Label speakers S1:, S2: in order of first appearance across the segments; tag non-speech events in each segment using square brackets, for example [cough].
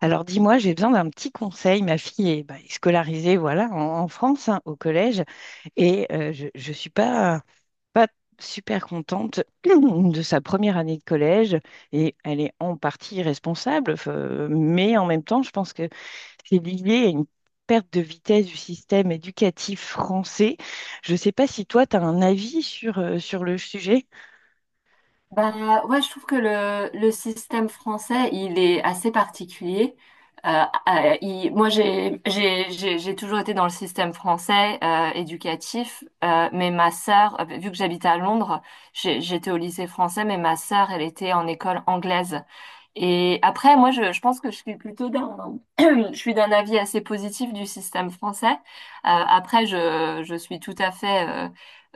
S1: Alors dis-moi, j'ai besoin d'un petit conseil. Ma fille bah, est scolarisée, voilà, en France, hein, au collège, et je ne suis pas super contente [clears throat] de sa première année de collège, et elle est en partie responsable, mais en même temps, je pense que c'est lié à une perte de vitesse du système éducatif français. Je ne sais pas si toi, tu as un avis sur, sur le sujet.
S2: Bah ouais, je trouve que le système français, il est assez particulier. Euh, moi, j'ai toujours été dans le système français éducatif, mais ma sœur, vu que j'habite à Londres, j'étais au lycée français, mais ma sœur, elle était en école anglaise. Et après, moi, je pense que je suis plutôt d'un, [clears throat] je suis d'un avis assez positif du système français. Après, je suis tout à fait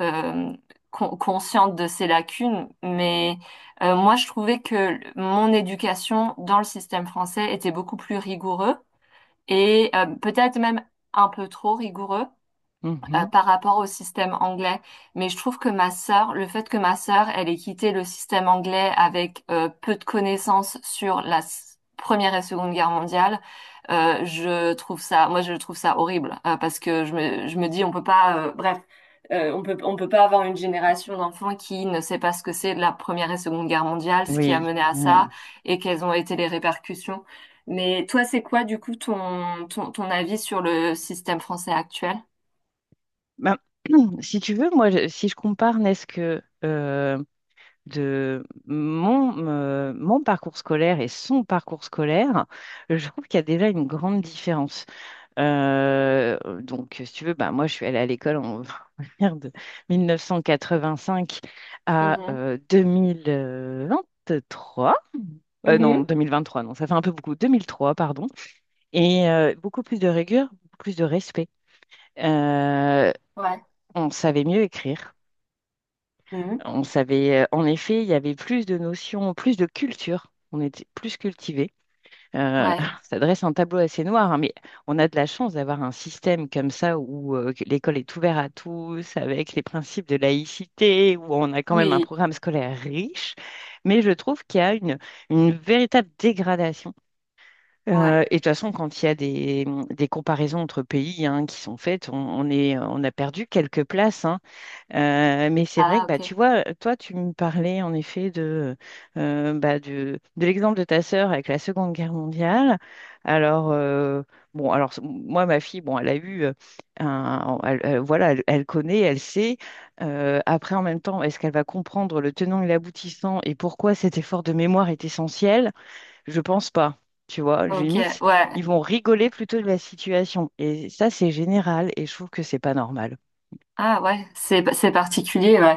S2: euh, consciente de ses lacunes, mais moi, je trouvais que mon éducation dans le système français était beaucoup plus rigoureux et peut-être même un peu trop rigoureux
S1: Mhm.
S2: par rapport au système anglais. Mais je trouve que ma sœur, le fait que ma sœur, elle ait quitté le système anglais avec peu de connaissances sur la Première et Seconde Guerre mondiale, je trouve ça, moi je trouve ça horrible parce que je me dis on peut pas, bref, on peut, pas avoir une génération d'enfants qui ne sait pas ce que c'est la Première et Seconde Guerre mondiale, ce qui a
S1: Oui,
S2: mené à
S1: ouais.
S2: ça et quelles ont été les répercussions. Mais toi, c'est quoi du coup ton avis sur le système français actuel?
S1: Ben, [clears throat] si tu veux, moi, si je compare, n'est-ce que de mon parcours scolaire et son parcours scolaire, je trouve qu'il y a déjà une grande différence. Donc, si tu veux, bah, moi, je suis allée à l'école [laughs] on va dire de 1985 à 2023. Non,
S2: Mhm.
S1: 2023, non, ça fait un peu beaucoup. 2003, pardon. Et beaucoup plus de rigueur, beaucoup plus de respect. Euh,
S2: Ouais,
S1: on savait mieux écrire.
S2: mhm,
S1: On savait, en effet, il y avait plus de notions, plus de culture. On était plus cultivés. Euh,
S2: ouais,
S1: [laughs] ça dresse un tableau assez noir, hein, mais on a de la chance d'avoir un système comme ça où que l'école est ouverte à tous, avec les principes de laïcité, où on a quand même un
S2: oui,
S1: programme scolaire riche. Mais je trouve qu'il y a une véritable dégradation.
S2: ouais.
S1: Et de toute façon, quand il y a des comparaisons entre pays hein, qui sont faites, on a perdu quelques places, hein. Mais c'est vrai
S2: Ah,
S1: que bah, tu
S2: ok.
S1: vois, toi, tu me parlais en effet de, bah, de l'exemple de ta sœur avec la Seconde Guerre mondiale. Alors, bon, alors moi, ma fille, bon, elle a eu, voilà, elle, elle connaît, elle sait. Après, en même temps, est-ce qu'elle va comprendre le tenant et l'aboutissant et pourquoi cet effort de mémoire est essentiel? Je pense pas. Tu vois,
S2: Ok,
S1: limite,
S2: ouais.
S1: ils vont rigoler plutôt de la situation. Et ça, c'est général et je trouve que c'est pas normal.
S2: Ah ouais, c'est particulier, ouais.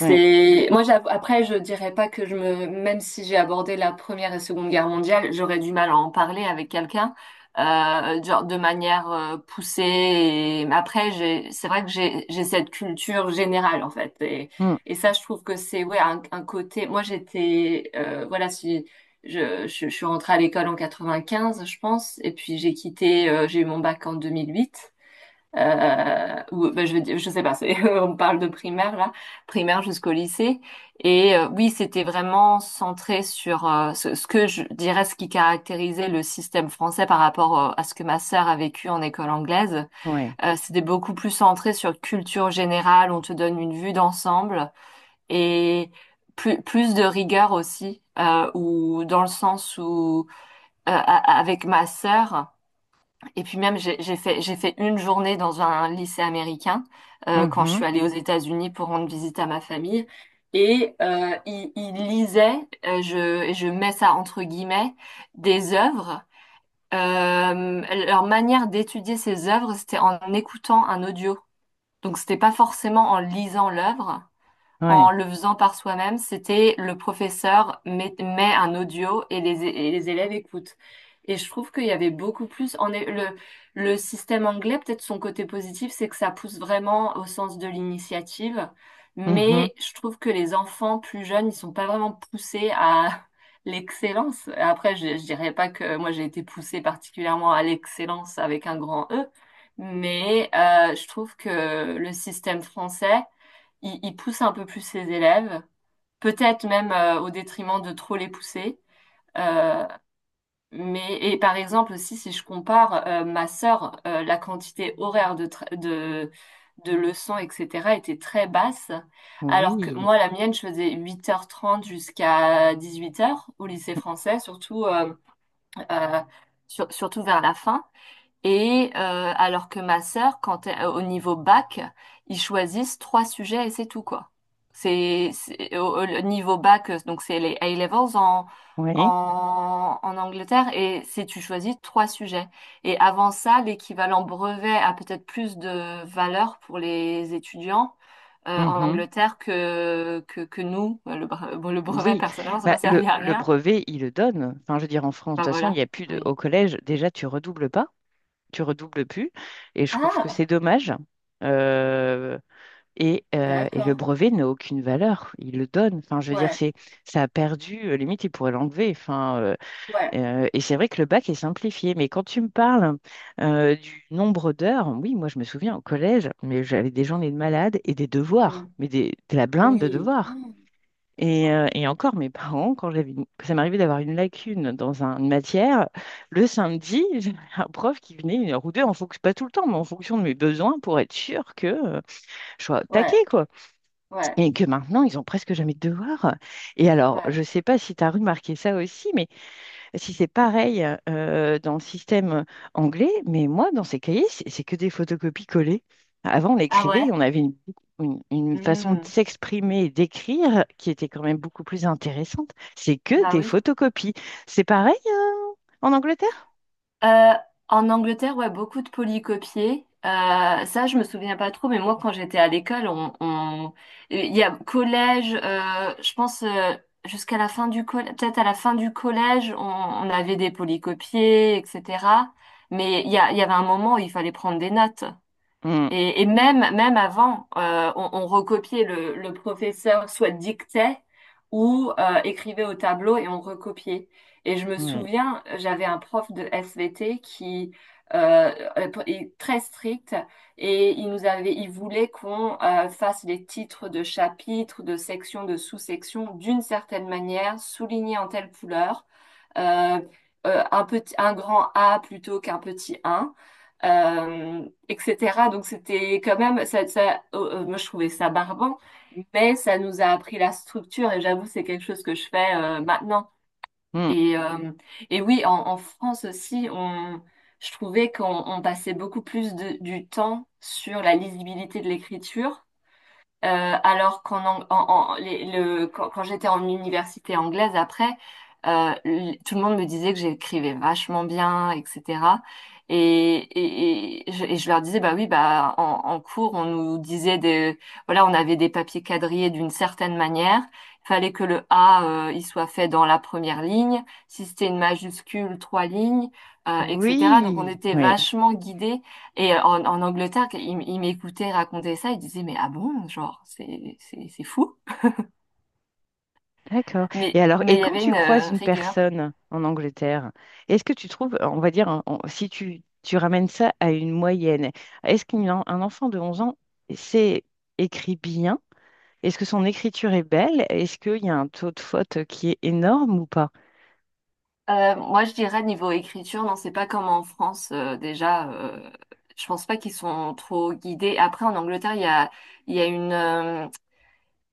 S1: Ouais.
S2: moi j'avoue- Après je dirais pas que je me même si j'ai abordé la Première et Seconde Guerre mondiale, j'aurais du mal à en parler avec quelqu'un genre de manière poussée. Et mais après j'ai c'est vrai que j'ai cette culture générale en fait. et
S1: Mm.
S2: et ça je trouve que c'est ouais un, côté. Moi j'étais voilà, si je suis rentrée à l'école en 95 je pense, et puis j'ai eu mon bac en 2008. Ou ben, je veux dire, je sais pas, c'est, [laughs] on parle de primaire là, primaire jusqu'au lycée. Et oui, c'était vraiment centré sur ce, ce que je dirais, ce qui caractérisait le système français par rapport à ce que ma sœur a vécu en école anglaise.
S1: Ouais.
S2: C'était beaucoup plus centré sur culture générale, on te donne une vue d'ensemble et plus, plus de rigueur aussi, ou dans le sens où avec ma sœur. Et puis même, j'ai fait, une journée dans un lycée américain quand je
S1: Mhm.
S2: suis allée aux États-Unis pour rendre visite à ma famille. Et ils lisaient, et je mets ça entre guillemets, des œuvres. Euh, Leur manière d'étudier ces œuvres, c'était en écoutant un audio. Donc c'était pas forcément en lisant l'œuvre, en
S1: Ouais.
S2: le faisant par soi-même, c'était le professeur met un audio et et les élèves écoutent. Et je trouve qu'il y avait beaucoup plus. Le système anglais, peut-être son côté positif, c'est que ça pousse vraiment au sens de l'initiative.
S1: Mhm.
S2: Mais je trouve que les enfants plus jeunes, ils sont pas vraiment poussés à [laughs] l'excellence. Après, je dirais pas que moi j'ai été poussée particulièrement à l'excellence avec un grand E, mais je trouve que le système français ils poussent un peu plus ses élèves, peut-être même au détriment de trop les pousser. Euh, mais et par exemple aussi si je compare ma sœur, la quantité horaire de, tra- de leçons etc. était très basse, alors que
S1: Oui.
S2: moi la mienne je faisais 8h30 jusqu'à 18h au lycée français, surtout euh, surtout vers la fin. Et alors que ma sœur, au niveau bac, ils choisissent trois sujets et c'est tout quoi. Niveau bac, donc c'est les A-levels en,
S1: Oui.
S2: en Angleterre et c'est tu choisis trois sujets. Et avant ça, l'équivalent brevet a peut-être plus de valeur pour les étudiants en
S1: Mhm.
S2: Angleterre que que nous. Bon, le brevet
S1: Oui.
S2: personnellement, ça
S1: Bah,
S2: m'a servi à
S1: le
S2: rien.
S1: brevet, il le donne. Enfin, je veux dire, en France, de
S2: Bah
S1: toute façon, il n'y
S2: voilà,
S1: a plus de...
S2: oui.
S1: Au collège, déjà, tu redoubles pas. Tu redoubles plus. Et je trouve que c'est
S2: Ah,
S1: dommage. Euh, et, et le
S2: d'accord.
S1: brevet n'a aucune valeur. Il le donne. Enfin, je veux dire,
S2: Ouais,
S1: c'est, ça a perdu. Limite, il pourrait l'enlever. Enfin,
S2: ouais.
S1: Et c'est vrai que le bac est simplifié, mais quand tu me parles du nombre d'heures, oui, moi je me souviens au collège, mais j'avais des journées de malade et des devoirs, mais des, de la blinde de
S2: Oui.
S1: devoirs.
S2: Oh là là.
S1: Et encore, mes [laughs] parents, quand j'avais, ça m'arrivait d'avoir une lacune dans une matière, le samedi, [laughs] j'avais un prof qui venait une heure ou deux, en fonction, pas tout le temps, mais en fonction de mes besoins, pour être sûr que je sois
S2: Ouais,
S1: taquée, quoi.
S2: ouais,
S1: Et que maintenant, ils ont presque jamais de devoirs. Et alors,
S2: ouais.
S1: je sais pas si tu as remarqué ça aussi, mais si c'est pareil dans le système anglais, mais moi, dans ces cahiers, c'est que des photocopies collées. Avant, on
S2: Ah
S1: écrivait, et
S2: ouais?
S1: on avait une façon de
S2: Hmm.
S1: s'exprimer et d'écrire qui était quand même beaucoup plus intéressante. C'est que
S2: Bah
S1: des
S2: oui.
S1: photocopies. C'est pareil en Angleterre?
S2: Euh, En Angleterre, ouais, beaucoup de polycopiés. Ça, je me souviens pas trop, mais moi, quand j'étais à l'école, il y a collège, je pense jusqu'à la fin du collège, peut-être à la fin du collège, on avait des polycopiés, etc. Mais il y avait un moment où il fallait prendre des notes.
S1: Mm,
S2: Et même, même avant, on recopiait le professeur soit dictait ou écrivait au tableau et on recopiait. Et je me
S1: oui.
S2: souviens, j'avais un prof de SVT qui euh, est très strict, et il nous avait, il voulait qu'on fasse les titres de chapitres, de sections, de sous-sections d'une certaine manière, soulignés en telle couleur, euh, un petit, un grand A plutôt qu'un petit un etc. Donc c'était quand même, moi je trouvais ça barbant, mais ça nous a appris la structure, et j'avoue c'est quelque chose que je fais maintenant.
S1: Mm.
S2: Et, euh, et oui, en, France aussi, je trouvais qu'on on passait beaucoup plus de, du temps sur la lisibilité de l'écriture alors qu'en Ang- en, en- les- le, quand, j'étais en université anglaise après, tout le monde me disait que j'écrivais vachement bien, etc. Et, et je leur disais, bah oui, bah en, cours, on nous disait des, voilà, on avait des papiers quadrillés d'une certaine manière. Il fallait que le A, il soit fait dans la première ligne. Si c'était une majuscule, trois lignes, etc. Donc on
S1: Oui.
S2: était
S1: Oui.
S2: vachement guidés, et en, Angleterre, il m'écoutait raconter ça, il disait, mais ah bon, genre, c'est fou.
S1: D'accord. Et alors,
S2: Mais
S1: et
S2: il y
S1: quand
S2: avait
S1: tu
S2: une
S1: croises une
S2: rigueur.
S1: personne en Angleterre, est-ce que tu trouves, on va dire, si tu ramènes ça à une moyenne, est-ce qu'un enfant de 11 ans sait écrit bien? Est-ce que son écriture est belle? Est-ce qu'il y a un taux de faute qui est énorme ou pas?
S2: Moi, je dirais, niveau écriture, non, c'est pas comme en France, déjà, je pense pas qu'ils sont trop guidés. Après, en Angleterre, il y a une, euh,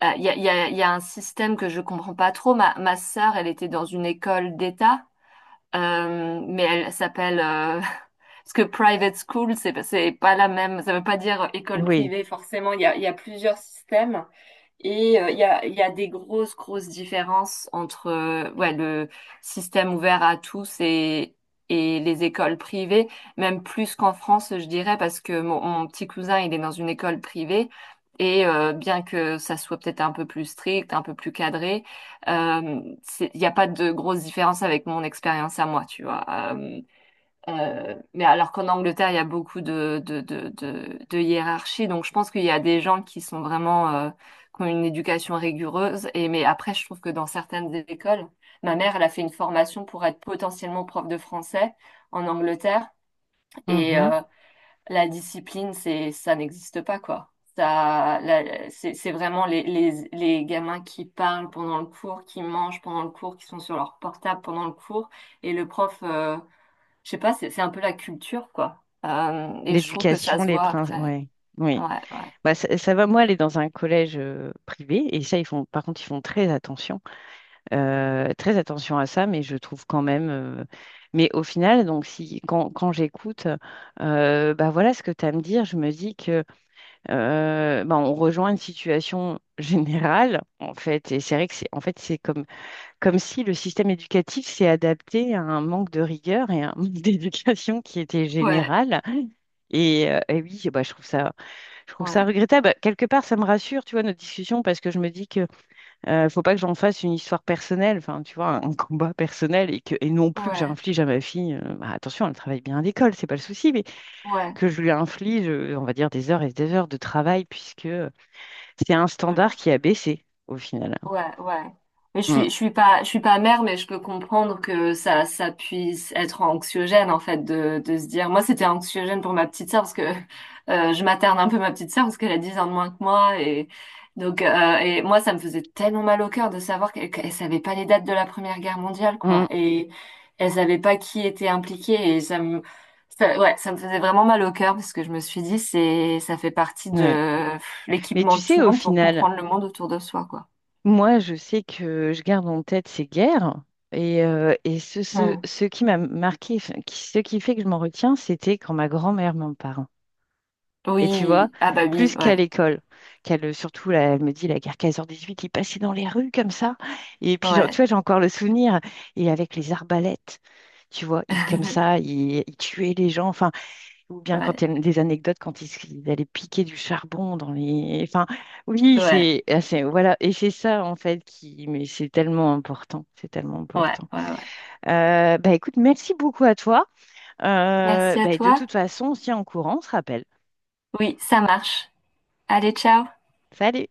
S2: ah, il y a, il y a, il y a un système que je comprends pas trop. Ma sœur, elle était dans une école d'État. Mais elle s'appelle [laughs] parce que private school, c'est pas la même. Ça veut pas dire école
S1: Oui.
S2: privée forcément. Il y a plusieurs systèmes, et il y a des grosses grosses différences entre ouais le système ouvert à tous et les écoles privées, même plus qu'en France, je dirais, parce que mon petit cousin, il est dans une école privée. Et bien que ça soit peut-être un peu plus strict, un peu plus cadré, il n'y a pas de grosse différence avec mon expérience à moi, tu vois. Euh, mais alors qu'en Angleterre, il y a beaucoup de, hiérarchie, donc je pense qu'il y a des gens qui sont vraiment, qui ont une éducation rigoureuse. Et, mais après, je trouve que dans certaines écoles, ma mère, elle a fait une formation pour être potentiellement prof de français en Angleterre. Et,
S1: Mhm.
S2: la discipline, ça n'existe pas, quoi. C'est vraiment les gamins qui parlent pendant le cours, qui mangent pendant le cours, qui sont sur leur portable pendant le cours. Et le prof, je sais pas, c'est un peu la culture, quoi. Et je trouve que ça
S1: L'éducation,
S2: se
S1: les
S2: voit
S1: principes.
S2: après.
S1: Ouais. Oui.
S2: Ouais, ouais.
S1: Bah, ça va, moi, aller dans un collège privé, et ça, ils font, par contre, ils font très attention. Très attention à ça, mais je trouve quand même. Mais au final, donc si quand, quand j'écoute, bah voilà ce que tu as à me dire, je me dis que bah, on rejoint une situation [laughs] générale, en fait. Et c'est vrai que c'est en fait c'est comme, comme si le système éducatif s'est adapté à un manque de rigueur et à un manque [laughs] d'éducation qui était
S2: Ouais,
S1: général. Et oui, bah, je trouve ça
S2: ouais,
S1: regrettable. Quelque part, ça me rassure, tu vois, notre discussion, parce que je me dis que faut pas que j'en fasse une histoire personnelle, enfin, tu vois, un combat personnel et que, et non plus que
S2: ouais,
S1: j'inflige à ma fille, bah, attention, elle travaille bien à l'école, c'est pas le souci, mais
S2: ouais.
S1: que je lui inflige, on va dire, des heures et des heures de travail puisque c'est un standard
S2: Voilà.
S1: qui a baissé au final.
S2: Ouais, ouais. Mais
S1: Mm.
S2: je suis pas mère, mais je peux comprendre que ça puisse être anxiogène en fait de se dire. Moi, c'était anxiogène pour ma petite sœur parce que je materne un peu ma petite sœur parce qu'elle a 10 ans de moins que moi, et donc et moi, ça me faisait tellement mal au cœur de savoir qu'elle savait pas les dates de la Première Guerre mondiale quoi,
S1: Mm.
S2: et elle savait pas qui était impliqué, et ouais, ça me faisait vraiment mal au cœur parce que je me suis dit c'est, ça fait partie
S1: Ouais.
S2: de
S1: Mais
S2: l'équipement
S1: tu
S2: de tout
S1: sais,
S2: le
S1: au
S2: monde pour
S1: final,
S2: comprendre le monde autour de soi quoi.
S1: moi, je sais que je garde en tête ces guerres et ce, ce,
S2: Hmm.
S1: ce qui m'a marqué, enfin, ce qui fait que je m'en retiens, c'était quand ma grand-mère m'en parle. Et tu vois,
S2: Oui, ah bah oui,
S1: plus qu'à
S2: ouais,
S1: l'école, qu'elle, surtout, là, elle me dit, la guerre quinze heures dix-huit, il passait dans les rues comme ça. Et puis, genre, tu
S2: ouais,
S1: vois, j'ai encore le souvenir. Et avec les arbalètes, tu vois, il, comme ça,
S2: [laughs]
S1: il tuait les gens. Enfin, ou bien quand
S2: ouais,
S1: il y a des anecdotes, quand il, il allait piquer du charbon dans les... Enfin, oui,
S2: ouais,
S1: c'est... ah, c'est- Voilà, et c'est ça, en fait, qui... Mais c'est tellement important, c'est tellement
S2: ouais,
S1: important.
S2: ouais, ouais.
S1: Bah, écoute, merci beaucoup à toi.
S2: Merci à
S1: Bah, de
S2: toi.
S1: toute façon, on se tient en courant, on se rappelle.
S2: Oui, ça marche. Allez, ciao.
S1: Salut!